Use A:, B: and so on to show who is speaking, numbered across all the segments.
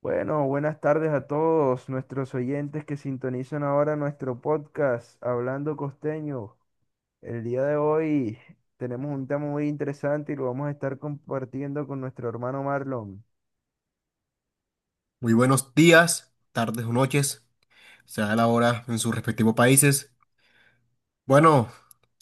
A: Bueno, buenas tardes a todos nuestros oyentes que sintonizan ahora nuestro podcast Hablando Costeño. El día de hoy tenemos un tema muy interesante y lo vamos a estar compartiendo con nuestro hermano Marlon.
B: Muy buenos días, tardes o noches, sea la hora en sus respectivos países. Bueno,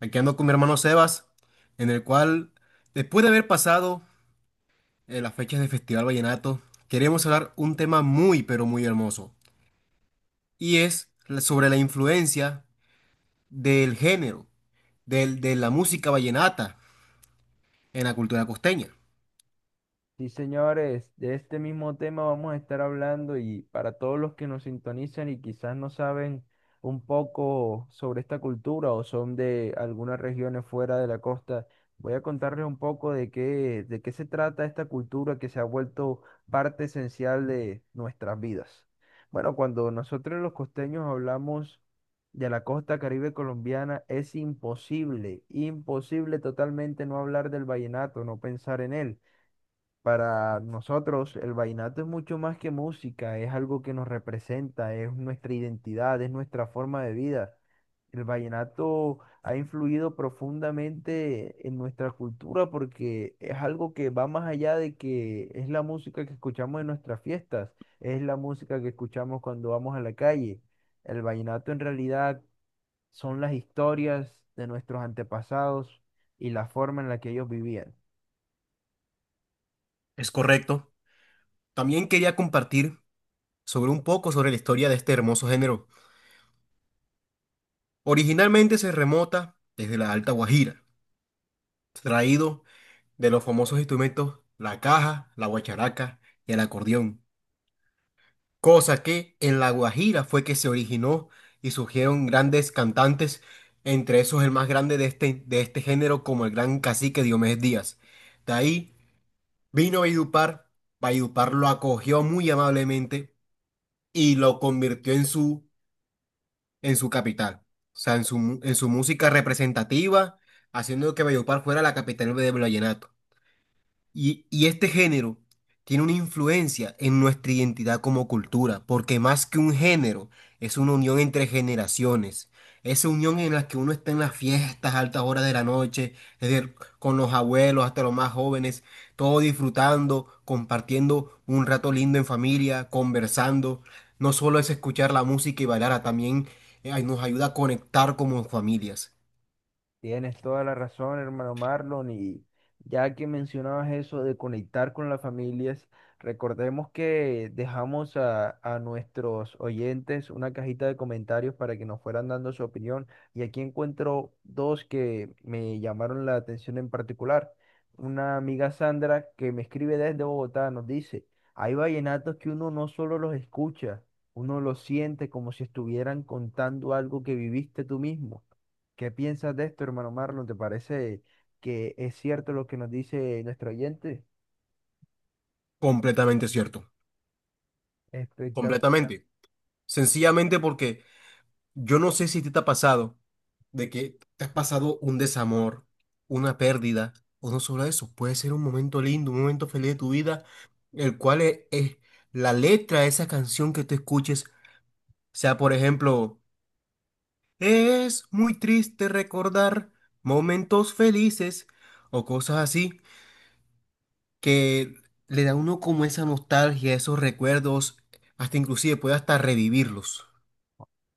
B: aquí ando con mi hermano Sebas, en el cual, después de haber pasado las fechas del Festival Vallenato, queremos hablar un tema muy, pero muy hermoso, y es sobre la influencia del género, de la música vallenata en la cultura costeña.
A: Sí, señores, de este mismo tema vamos a estar hablando y para todos los que nos sintonizan y quizás no saben un poco sobre esta cultura o son de algunas regiones fuera de la costa, voy a contarles un poco de de qué se trata esta cultura que se ha vuelto parte esencial de nuestras vidas. Bueno, cuando nosotros los costeños hablamos de la costa Caribe colombiana, es imposible, imposible totalmente no hablar del vallenato, no pensar en él. Para nosotros el vallenato es mucho más que música, es algo que nos representa, es nuestra identidad, es nuestra forma de vida. El vallenato ha influido profundamente en nuestra cultura porque es algo que va más allá de que es la música que escuchamos en nuestras fiestas, es la música que escuchamos cuando vamos a la calle. El vallenato en realidad son las historias de nuestros antepasados y la forma en la que ellos vivían.
B: Es correcto. También quería compartir sobre un poco sobre la historia de este hermoso género. Originalmente se remota desde la Alta Guajira traído de los famosos instrumentos la caja, la guacharaca y el acordeón, cosa que en La Guajira fue que se originó y surgieron grandes cantantes, entre esos el más grande de este género como el gran cacique Diomedes Díaz. De ahí vino Valledupar, Valledupar lo acogió muy amablemente y lo convirtió en en su capital, o sea, en en su música representativa, haciendo que Valledupar fuera la capital del vallenato. Y este género tiene una influencia en nuestra identidad como cultura, porque más que un género, es una unión entre generaciones. Esa unión en la que uno está en las fiestas, altas horas de la noche, es decir, con los abuelos hasta los más jóvenes, todos disfrutando, compartiendo un rato lindo en familia, conversando. No solo es escuchar la música y bailar, también nos ayuda a conectar como familias.
A: Tienes toda la razón, hermano Marlon, y ya que mencionabas eso de conectar con las familias, recordemos que dejamos a nuestros oyentes una cajita de comentarios para que nos fueran dando su opinión, y aquí encuentro dos que me llamaron la atención en particular. Una amiga Sandra que me escribe desde Bogotá nos dice, hay vallenatos que uno no solo los escucha, uno los siente como si estuvieran contando algo que viviste tú mismo. ¿Qué piensas de esto, hermano Marlon? ¿Te parece que es cierto lo que nos dice nuestro oyente?
B: Completamente cierto.
A: Espectacular.
B: Completamente. Sencillamente porque yo no sé si a ti te ha pasado de que te has pasado un desamor, una pérdida, o no solo eso, puede ser un momento lindo, un momento feliz de tu vida, el cual es la letra de esa canción que tú escuches, sea por ejemplo, es muy triste recordar momentos felices o cosas así, que le da a uno como esa nostalgia, esos recuerdos, hasta inclusive puede hasta revivirlos.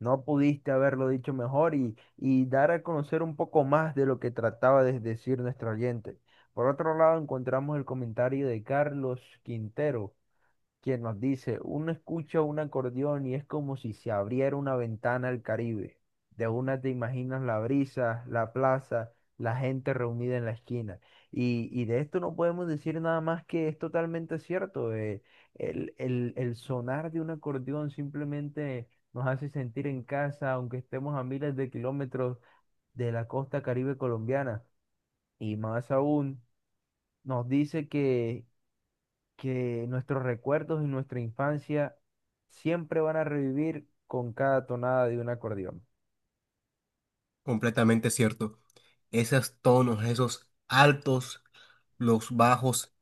A: No pudiste haberlo dicho mejor y, dar a conocer un poco más de lo que trataba de decir nuestro oyente. Por otro lado, encontramos el comentario de Carlos Quintero, quien nos dice, uno escucha un acordeón y es como si se abriera una ventana al Caribe. De una te imaginas la brisa, la plaza, la gente reunida en la esquina. Y, de esto no podemos decir nada más que es totalmente cierto. El sonar de un acordeón simplemente nos hace sentir en casa, aunque estemos a miles de kilómetros de la costa Caribe colombiana. Y más aún, nos dice que nuestros recuerdos y nuestra infancia siempre van a revivir con cada tonada de un acordeón.
B: Completamente cierto. Esos tonos, esos altos, los bajos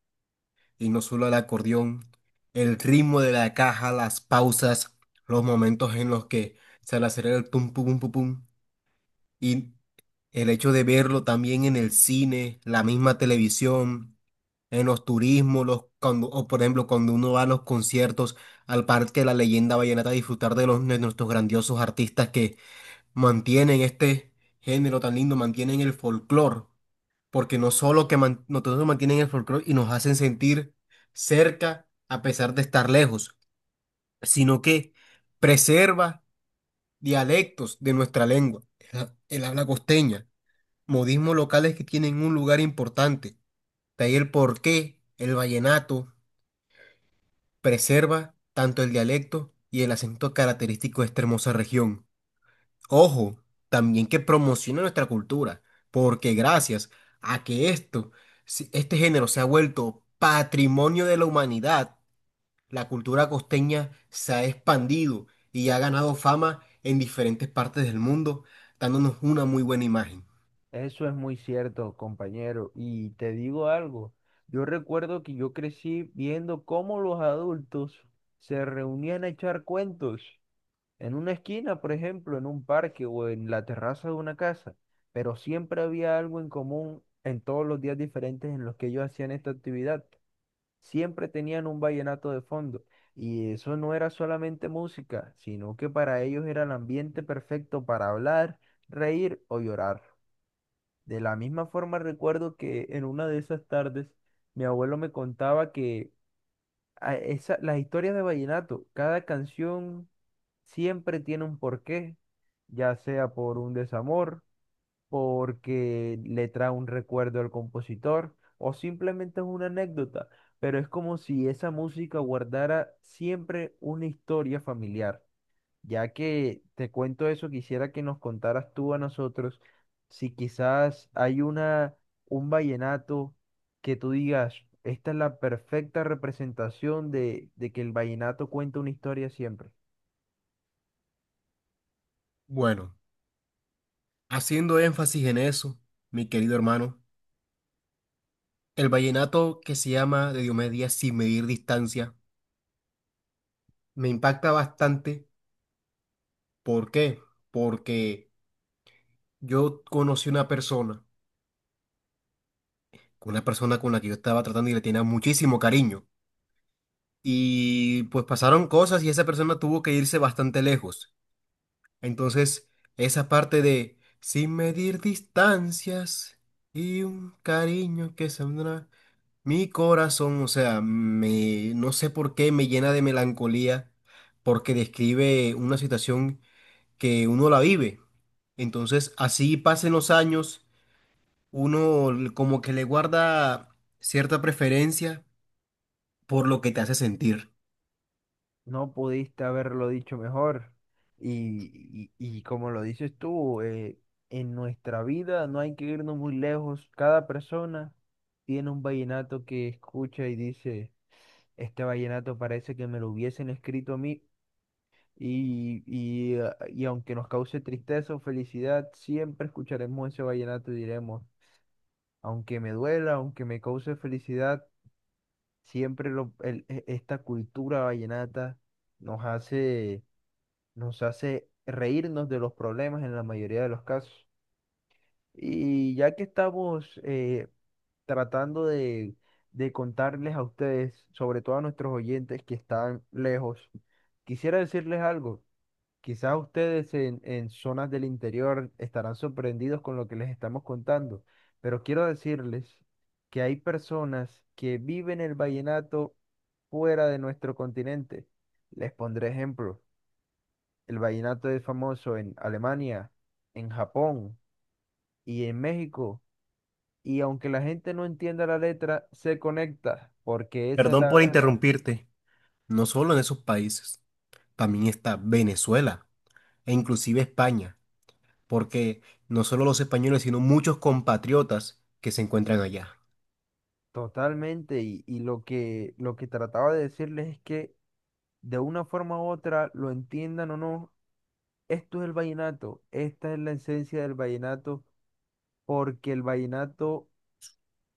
B: y no solo el acordeón, el ritmo de la caja, las pausas, los momentos en los que se le acelera el pum pum pum pum y el hecho de verlo también en el cine, la misma televisión, en los turismos, o por ejemplo cuando uno va a los conciertos al Parque de la Leyenda Vallenata a disfrutar de nuestros grandiosos artistas, mantienen este género tan lindo, mantienen el folclore, porque no solo mantienen el folclore y nos hacen sentir cerca a pesar de estar lejos, sino que preserva dialectos de nuestra lengua, el habla costeña, modismos locales que tienen un lugar importante. De ahí el porqué el vallenato preserva tanto el dialecto y el acento característico de esta hermosa región. Ojo, también que promocione nuestra cultura, porque gracias a que esto, este género se ha vuelto patrimonio de la humanidad, la cultura costeña se ha expandido y ha ganado fama en diferentes partes del mundo, dándonos una muy buena imagen.
A: Eso es muy cierto, compañero. Y te digo algo, yo recuerdo que yo crecí viendo cómo los adultos se reunían a echar cuentos en una esquina, por ejemplo, en un parque o en la terraza de una casa, pero siempre había algo en común en todos los días diferentes en los que ellos hacían esta actividad. Siempre tenían un vallenato de fondo. Y eso no era solamente música, sino que para ellos era el ambiente perfecto para hablar, reír o llorar. De la misma forma recuerdo que en una de esas tardes mi abuelo me contaba que las historias de vallenato, cada canción siempre tiene un porqué, ya sea por un desamor porque le trae un recuerdo al compositor o simplemente es una anécdota, pero es como si esa música guardara siempre una historia familiar. Ya que te cuento eso, quisiera que nos contaras tú a nosotros si quizás hay una un vallenato que tú digas, esta es la perfecta representación de, que el vallenato cuenta una historia siempre.
B: Bueno, haciendo énfasis en eso, mi querido hermano, el vallenato que se llama de Diomedes Díaz Sin Medir Distancia me impacta bastante. ¿Por qué? Porque yo conocí una persona con la que yo estaba tratando y le tenía muchísimo cariño. Y pues pasaron cosas y esa persona tuvo que irse bastante lejos. Entonces, esa parte de sin medir distancias y un cariño que saldrá, mi corazón, o sea, no sé por qué me llena de melancolía porque describe una situación que uno la vive. Entonces, así pasen los años, como que le guarda cierta preferencia por lo que te hace sentir.
A: No pudiste haberlo dicho mejor. Y como lo dices tú, en nuestra vida no hay que irnos muy lejos. Cada persona tiene un vallenato que escucha y dice, este vallenato parece que me lo hubiesen escrito a mí. Y aunque nos cause tristeza o felicidad, siempre escucharemos ese vallenato y diremos, aunque me duela, aunque me cause felicidad, siempre lo- el- e- esta cultura vallenata nos hace nos hace reírnos de los problemas en la mayoría de los casos. Y ya que estamos tratando de, contarles a ustedes, sobre todo a nuestros oyentes que están lejos, quisiera decirles algo. Quizás ustedes en zonas del interior estarán sorprendidos con lo que les estamos contando, pero quiero decirles que hay personas que viven el vallenato fuera de nuestro continente. Les pondré ejemplos. El vallenato es famoso en Alemania, en Japón y en México. Y aunque la gente no entienda la letra, se conecta, porque esa es
B: Perdón
A: la
B: por
A: verdad.
B: interrumpirte. No solo en esos países, también está Venezuela e inclusive España, porque no solo los españoles, sino muchos compatriotas que se encuentran allá.
A: Totalmente. Y, lo que trataba de decirles es que de una forma u otra, lo entiendan o no, esto es el vallenato. Esta es la esencia del vallenato, porque el vallenato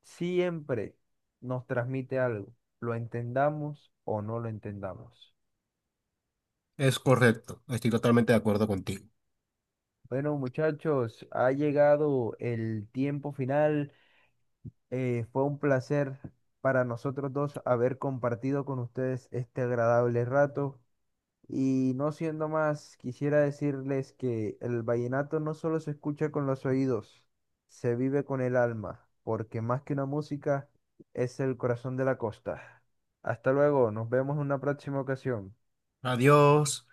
A: siempre nos transmite algo, lo entendamos o no lo entendamos.
B: Es correcto, estoy totalmente de acuerdo contigo.
A: Bueno, muchachos, ha llegado el tiempo final. Fue un placer para nosotros dos haber compartido con ustedes este agradable rato. Y no siendo más, quisiera decirles que el vallenato no solo se escucha con los oídos, se vive con el alma, porque más que una música, es el corazón de la costa. Hasta luego, nos vemos en una próxima ocasión.
B: Adiós.